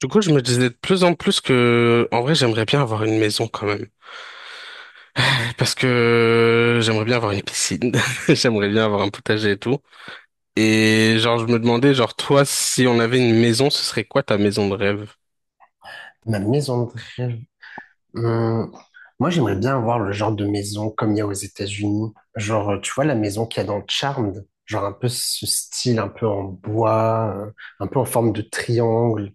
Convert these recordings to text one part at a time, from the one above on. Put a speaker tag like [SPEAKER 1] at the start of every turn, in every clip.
[SPEAKER 1] Du coup, je me disais de plus en plus que, en vrai, j'aimerais bien avoir une maison quand même. Parce que j'aimerais bien avoir une piscine, j'aimerais bien avoir un potager et tout. Et genre, je me demandais, genre, toi, si on avait une maison, ce serait quoi ta maison de rêve?
[SPEAKER 2] Ma maison de rêve. hum, Moi, j'aimerais bien avoir le genre de maison comme il y a aux États-Unis. Genre, tu vois, la maison qu'il y a dans Charmed. Genre, un peu ce style, un peu en bois, un peu en forme de triangle.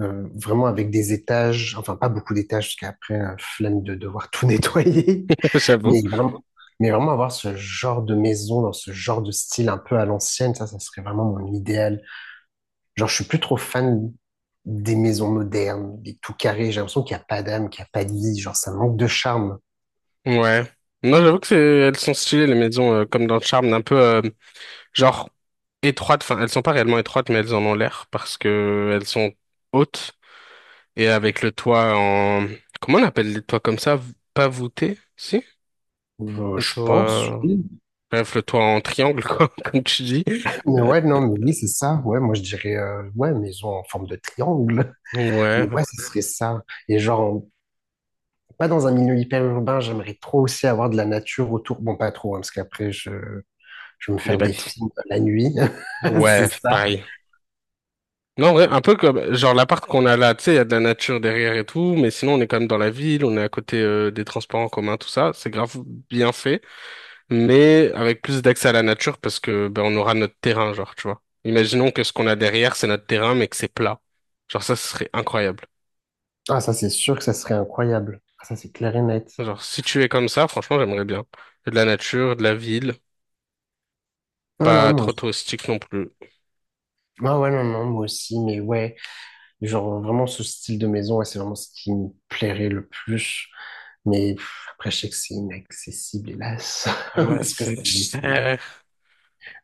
[SPEAKER 2] Vraiment avec des étages. Enfin, pas beaucoup d'étages, parce qu'après, flemme de devoir tout nettoyer.
[SPEAKER 1] J'avoue.
[SPEAKER 2] Mais vraiment, mais vraiment avoir ce genre de maison dans ce genre de style un peu à l'ancienne, ça serait vraiment mon idéal. Genre, je suis plus trop fan des maisons modernes, des tout carrés. J'ai l'impression qu'il n'y a pas d'âme, qu'il n'y a pas de vie. Genre, ça manque de charme.
[SPEAKER 1] Ouais. Non, j'avoue que c'est, elles sont stylées, les maisons, comme dans Charmed, un peu, genre, étroites. Enfin, elles sont pas réellement étroites, mais elles en ont l'air parce que elles sont hautes et avec le toit en, comment on appelle les toits comme ça? Pas voûté, si? Le
[SPEAKER 2] Je
[SPEAKER 1] toit,
[SPEAKER 2] pense,
[SPEAKER 1] euh,
[SPEAKER 2] oui.
[SPEAKER 1] Bref, le toit en triangle, quoi, comme tu dis.
[SPEAKER 2] Mais ouais, non, mais oui, c'est ça. Ouais, moi, je dirais, ouais, maison en forme de triangle.
[SPEAKER 1] Ouais,
[SPEAKER 2] Mais ouais, ce serait ça. Et genre, pas dans un milieu hyper urbain, j'aimerais trop aussi avoir de la nature autour. Bon, pas trop, hein, parce qu'après, je vais me
[SPEAKER 1] les
[SPEAKER 2] faire des
[SPEAKER 1] bêtes.
[SPEAKER 2] films la nuit. C'est
[SPEAKER 1] Ouais,
[SPEAKER 2] ça.
[SPEAKER 1] pareil. Non, ouais, un peu comme, genre, l'appart qu'on a là, tu sais, il y a de la nature derrière et tout, mais sinon, on est quand même dans la ville, on est à côté, des transports en commun, tout ça. C'est grave bien fait, mais avec plus d'accès à la nature parce que, ben, on aura notre terrain, genre, tu vois. Imaginons que ce qu'on a derrière, c'est notre terrain, mais que c'est plat. Genre, ça, ce serait incroyable.
[SPEAKER 2] Ah, ça, c'est sûr que ça serait incroyable. Ah, ça, c'est clair et net.
[SPEAKER 1] Genre, si tu es comme ça, franchement, j'aimerais bien. De la nature, de la ville,
[SPEAKER 2] Non, non,
[SPEAKER 1] pas
[SPEAKER 2] moi
[SPEAKER 1] trop
[SPEAKER 2] aussi.
[SPEAKER 1] touristique non plus.
[SPEAKER 2] Ah, ouais, non, non, moi aussi, mais ouais. Genre, vraiment, ce style de maison, ouais, c'est vraiment ce qui me plairait le plus. Mais pff, après, je sais que c'est inaccessible, hélas.
[SPEAKER 1] Ouais,
[SPEAKER 2] Parce que
[SPEAKER 1] c'est cher.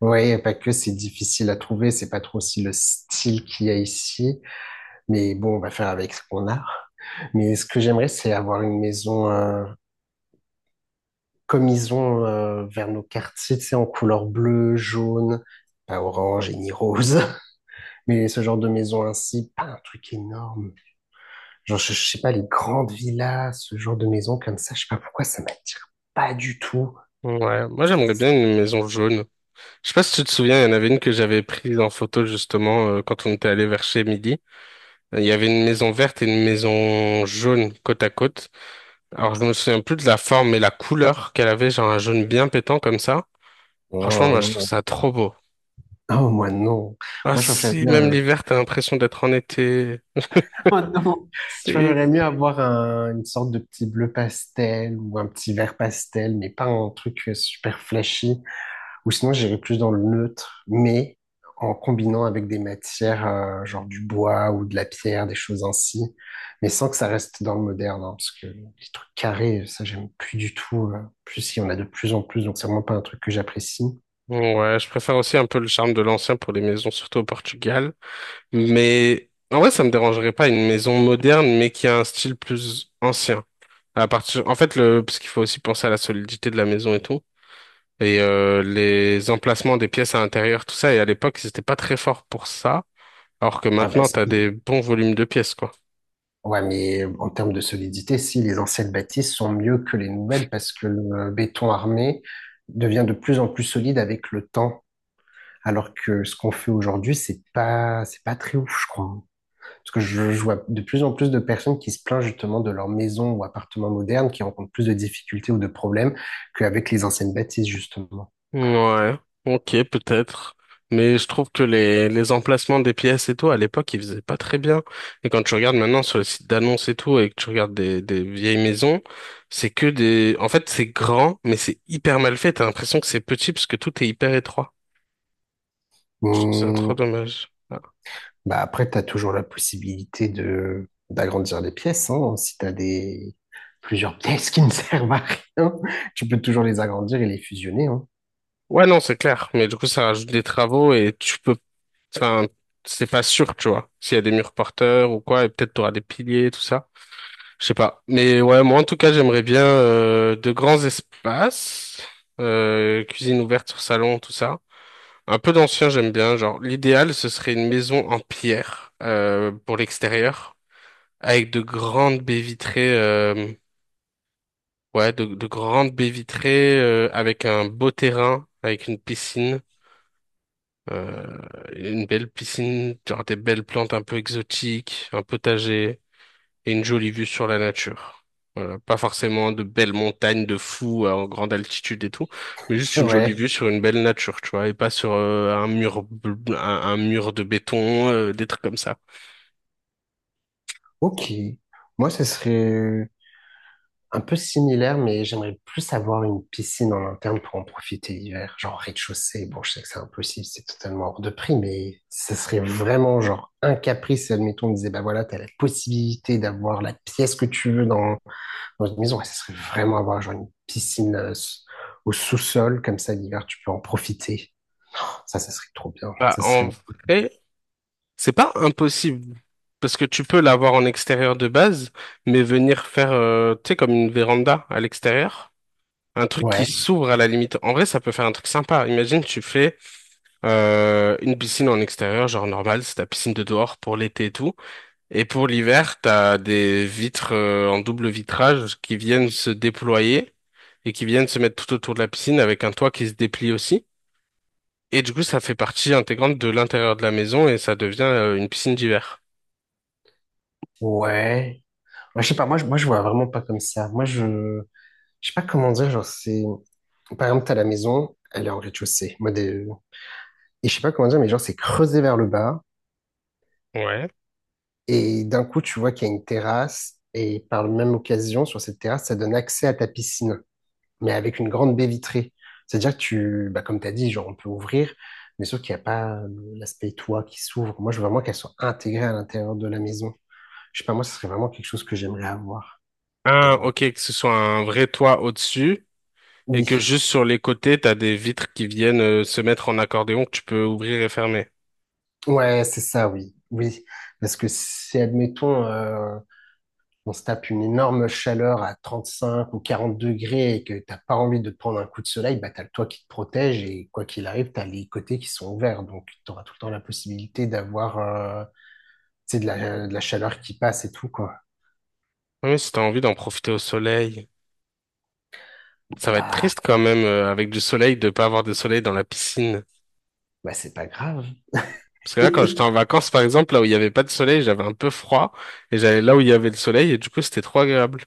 [SPEAKER 2] Ouais, pas que, c'est difficile à trouver. C'est pas trop aussi le style qu'il y a ici. Mais bon, on va faire avec ce qu'on a. Mais ce que j'aimerais, c'est avoir une maison comme ils ont vers nos quartiers, tu sais, en couleur bleue, jaune, pas orange et ni rose. Mais ce genre de maison ainsi, pas un truc énorme. Genre, je sais pas, les grandes villas, ce genre de maison comme ça, je sais pas pourquoi ça m'attire pas du tout.
[SPEAKER 1] Ouais, moi j'aimerais bien une maison jaune. Je sais pas si tu te souviens, il y en avait une que j'avais prise en photo justement quand on était allé vers chez Midi. Il y avait une maison verte et une maison jaune côte à côte. Alors je me souviens plus de la forme et la couleur qu'elle avait, genre un jaune bien pétant comme ça. Franchement,
[SPEAKER 2] Oh
[SPEAKER 1] moi je trouve
[SPEAKER 2] non.
[SPEAKER 1] ça trop beau.
[SPEAKER 2] Oh, moi non.
[SPEAKER 1] Ah
[SPEAKER 2] Moi, je préfère
[SPEAKER 1] si, même
[SPEAKER 2] bien.
[SPEAKER 1] l'hiver, t'as l'impression d'être en été.
[SPEAKER 2] Oh non. Je
[SPEAKER 1] C'est.
[SPEAKER 2] préférerais mieux avoir une sorte de petit bleu pastel ou un petit vert pastel, mais pas un truc super flashy. Ou sinon, j'irais plus dans le neutre, mais en combinant avec des matières, genre du bois ou de la pierre, des choses ainsi, mais sans que ça reste dans le moderne, hein, parce que les trucs carrés, ça, j'aime plus du tout. Plus, il y en a de plus en plus, donc c'est vraiment pas un truc que j'apprécie.
[SPEAKER 1] Ouais, je préfère aussi un peu le charme de l'ancien pour les maisons, surtout au Portugal. Mais en vrai, ça me dérangerait pas une maison moderne, mais qui a un style plus ancien. À partir, en fait, parce qu'il faut aussi penser à la solidité de la maison et tout, et les emplacements des pièces à l'intérieur, tout ça. Et à l'époque, ils étaient pas très forts pour ça, alors que
[SPEAKER 2] Ah bah
[SPEAKER 1] maintenant, t'as
[SPEAKER 2] si.
[SPEAKER 1] des bons volumes de pièces, quoi.
[SPEAKER 2] Ouais, mais en termes de solidité, si les anciennes bâtisses sont mieux que les nouvelles parce que le béton armé devient de plus en plus solide avec le temps. Alors que ce qu'on fait aujourd'hui, c'est pas très ouf, je crois. Parce que je vois de plus en plus de personnes qui se plaignent justement de leur maison ou appartement moderne, qui rencontrent plus de difficultés ou de problèmes qu'avec les anciennes bâtisses, justement.
[SPEAKER 1] Ouais, ok, peut-être. Mais je trouve que les emplacements des pièces et tout, à l'époque, ils faisaient pas très bien. Et quand tu regardes maintenant sur les sites d'annonces et tout, et que tu regardes des vieilles maisons, c'est que des. En fait, c'est grand, mais c'est hyper mal fait. T'as l'impression que c'est petit parce que tout est hyper étroit. Je trouve ça trop
[SPEAKER 2] Hum,
[SPEAKER 1] dommage. Ah.
[SPEAKER 2] Bah après, tu as toujours la possibilité de d'agrandir les pièces, hein. Si tu as des plusieurs pièces qui ne servent à rien, tu peux toujours les agrandir et les fusionner, hein.
[SPEAKER 1] Ouais, non, c'est clair. Mais du coup, ça rajoute des travaux et tu peux. Enfin, c'est pas sûr, tu vois. S'il y a des murs porteurs ou quoi, et peut-être t'auras des piliers, tout ça. Je sais pas. Mais ouais, moi en tout cas, j'aimerais bien de grands espaces, cuisine ouverte sur salon, tout ça. Un peu d'ancien, j'aime bien. Genre, l'idéal, ce serait une maison en pierre pour l'extérieur, avec de grandes baies vitrées. Ouais, de grandes baies vitrées avec un beau terrain, avec une piscine, euh, une belle piscine, genre des belles plantes un peu exotiques, un potager. Et une jolie vue sur la nature. Voilà, pas forcément de belles montagnes de fous en grande altitude et tout, mais juste une jolie
[SPEAKER 2] Ouais.
[SPEAKER 1] vue sur une belle nature, tu vois, et pas sur un mur de béton, des trucs comme ça.
[SPEAKER 2] Ok. Moi, ce serait un peu similaire, mais j'aimerais plus avoir une piscine en interne pour en profiter l'hiver, genre rez-de-chaussée. Bon, je sais que c'est impossible, c'est totalement hors de prix, mais ce serait vraiment genre un caprice. Si, admettons, on disait, bah voilà, t'as la possibilité d'avoir la pièce que tu veux dans une maison, ouais, ça serait vraiment avoir genre une piscine au sous-sol, comme ça l'hiver, tu peux en profiter. Ça serait trop bien.
[SPEAKER 1] Bah,
[SPEAKER 2] Ça
[SPEAKER 1] en
[SPEAKER 2] serait.
[SPEAKER 1] vrai, c'est pas impossible parce que tu peux l'avoir en extérieur de base, mais venir faire tu sais comme une véranda à l'extérieur. Un truc qui
[SPEAKER 2] Ouais,
[SPEAKER 1] s'ouvre à la limite. En vrai, ça peut faire un truc sympa. Imagine, tu fais une piscine en extérieur, genre normal, c'est ta piscine de dehors pour l'été et tout. Et pour l'hiver, t'as des vitres en double vitrage qui viennent se déployer et qui viennent se mettre tout autour de la piscine avec un toit qui se déplie aussi. Et du coup, ça fait partie intégrante de l'intérieur de la maison et ça devient une piscine d'hiver.
[SPEAKER 2] ouais. Moi, je sais pas, moi, je vois vraiment pas comme ça. Moi, je. Je sais pas comment dire, genre, c'est. Par exemple, t'as la maison, elle est en rez-de-chaussée. Et je sais pas comment dire, mais genre, c'est creusé vers le bas.
[SPEAKER 1] Ouais.
[SPEAKER 2] Et d'un coup, tu vois qu'il y a une terrasse. Et par la même occasion, sur cette terrasse, ça donne accès à ta piscine, mais avec une grande baie vitrée. C'est-à-dire que comme tu as dit, genre, on peut ouvrir, mais sauf qu'il n'y a pas l'aspect toit qui s'ouvre. Moi, je veux vraiment qu'elle soit intégrée à l'intérieur de la maison. Je sais pas, moi, ce serait vraiment quelque chose que j'aimerais avoir. Mais bon,
[SPEAKER 1] Ok, que ce soit un vrai toit au-dessus et que
[SPEAKER 2] oui.
[SPEAKER 1] juste sur les côtés, t'as des vitres qui viennent se mettre en accordéon que tu peux ouvrir et fermer.
[SPEAKER 2] Ouais, c'est ça, oui. Oui. Parce que si, admettons, on se tape une énorme chaleur à 35 ou 40 degrés et que t'as pas envie de te prendre un coup de soleil, bah, t'as le toit qui te protège et quoi qu'il arrive, t'as les côtés qui sont ouverts. Donc, t'auras tout le temps la possibilité d'avoir, c'est de la, de la chaleur qui passe et tout, quoi.
[SPEAKER 1] Oui, si t'as envie d'en profiter au soleil. Ça va être
[SPEAKER 2] Ah,
[SPEAKER 1] triste quand même, avec du soleil, de pas avoir de soleil dans la piscine.
[SPEAKER 2] bah c'est pas grave.
[SPEAKER 1] Parce que là, quand j'étais en vacances, par exemple, là où il n'y avait pas de soleil, j'avais un peu froid, et j'allais là où il y avait le soleil, et du coup, c'était trop agréable.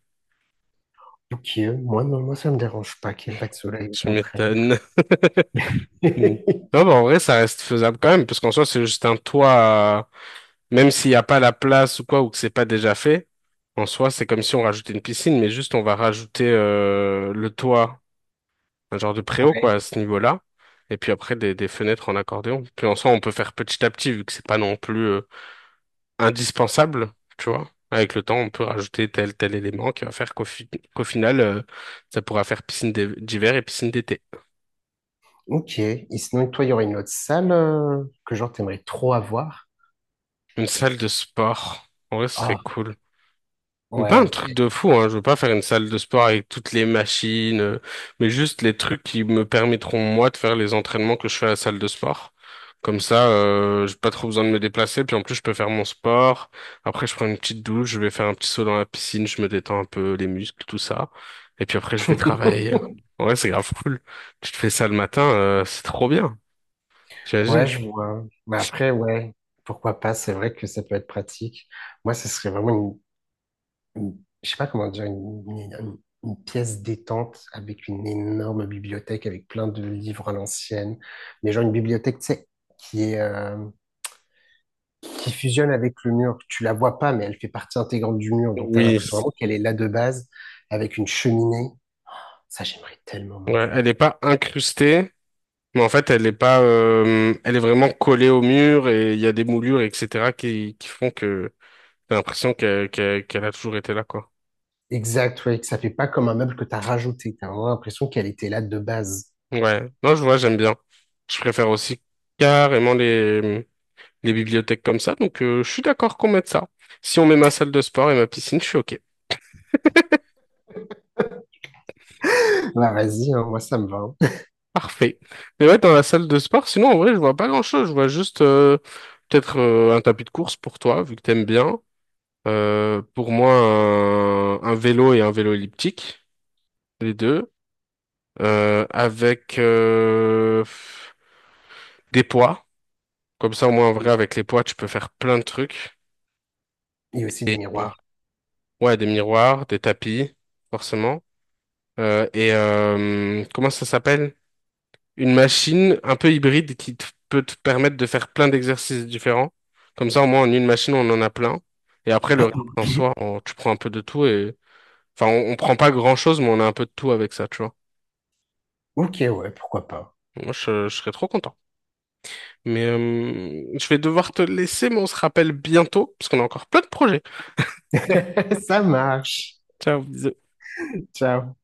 [SPEAKER 2] Ok, moi, non, moi ça me dérange pas qu'il n'y ait pas de soleil, au
[SPEAKER 1] Je
[SPEAKER 2] contraire.
[SPEAKER 1] m'étonne. Mm. Non, bah, en vrai, ça reste faisable quand même, parce qu'en soi, c'est juste un toit, même s'il n'y a pas la place ou quoi, ou que c'est pas déjà fait, en soi, c'est comme si on rajoutait une piscine, mais juste on va rajouter le toit, un genre de préau,
[SPEAKER 2] Ouais.
[SPEAKER 1] quoi, à ce niveau-là, et puis après, des fenêtres en accordéon. Puis en soi, on peut faire petit à petit, vu que c'est pas non plus indispensable, tu vois. Avec le temps, on peut rajouter tel élément qui va faire qu'au final, ça pourra faire d'hiver et piscine d'été.
[SPEAKER 2] Ok, et sinon, toi, il y aurait une autre salle que genre t'aimerais trop avoir?
[SPEAKER 1] Une salle de sport, en ce serait
[SPEAKER 2] Ah,
[SPEAKER 1] cool. Pas
[SPEAKER 2] ouais,
[SPEAKER 1] un
[SPEAKER 2] ok.
[SPEAKER 1] truc de fou, hein. Je veux pas faire une salle de sport avec toutes les machines, mais juste les trucs qui me permettront moi de faire les entraînements que je fais à la salle de sport. Comme ça, j'ai pas trop besoin de me déplacer, puis en plus je peux faire mon sport. Après, je prends une petite douche, je vais faire un petit saut dans la piscine, je me détends un peu les muscles, tout ça. Et puis après, je vais travailler. Ouais, c'est grave cool. Tu te fais ça le matin, c'est trop bien.
[SPEAKER 2] Ouais,
[SPEAKER 1] T'imagines?
[SPEAKER 2] je vois. Mais après, ouais, pourquoi pas, c'est vrai que ça peut être pratique. Moi, ce serait vraiment une- je sais pas comment dire, une pièce détente avec une énorme bibliothèque, avec plein de livres à l'ancienne, mais genre une bibliothèque, tu sais, qui est, qui fusionne avec le mur. Tu la vois pas, mais elle fait partie intégrante du mur, donc tu as
[SPEAKER 1] Oui.
[SPEAKER 2] l'impression vraiment qu'elle est là de base, avec une cheminée. Ça, j'aimerais tellement, mon
[SPEAKER 1] Ouais,
[SPEAKER 2] Dieu.
[SPEAKER 1] elle est pas incrustée. Mais en fait, elle est pas, elle est vraiment collée au mur et il y a des moulures, etc., qui font que t'as l'impression qu'elle a toujours été là, quoi.
[SPEAKER 2] Exact, ouais, que ça fait pas comme un meuble que tu as rajouté. Tu as vraiment l'impression qu'elle était là de base.
[SPEAKER 1] Ouais. Non, je vois, j'aime bien. Je préfère aussi carrément les bibliothèques comme ça. Donc, je suis d'accord qu'on mette ça. Si on met ma salle de sport et ma piscine, je suis OK.
[SPEAKER 2] Bah, vas-y, hein, moi, ça me va, hein.
[SPEAKER 1] Parfait. Mais ouais, dans la salle de sport, sinon, en vrai, je vois pas grand-chose. Je vois juste, peut-être, un tapis de course pour toi, vu que t'aimes bien. Pour moi, un vélo et un vélo elliptique, les deux. Avec des poids. Comme ça, au moins, en vrai, avec les poids, tu peux faire plein de trucs.
[SPEAKER 2] Et aussi des
[SPEAKER 1] Et
[SPEAKER 2] miroirs.
[SPEAKER 1] ouais, des miroirs, des tapis, forcément. Et comment ça s'appelle? Une machine un peu hybride peut te permettre de faire plein d'exercices différents. Comme ça, au moins, en une machine, on en a plein. Et après, le reste, en
[SPEAKER 2] Ok.
[SPEAKER 1] soi, tu prends un peu de tout et. Enfin, on prend pas grand-chose, mais on a un peu de tout avec ça, tu vois.
[SPEAKER 2] Ok, ouais, pourquoi pas.
[SPEAKER 1] Moi, je serais trop content. Mais je vais devoir te laisser, mais on se rappelle bientôt, parce qu'on a encore plein de projets.
[SPEAKER 2] Ça marche.
[SPEAKER 1] Ciao, bisous.
[SPEAKER 2] Ciao.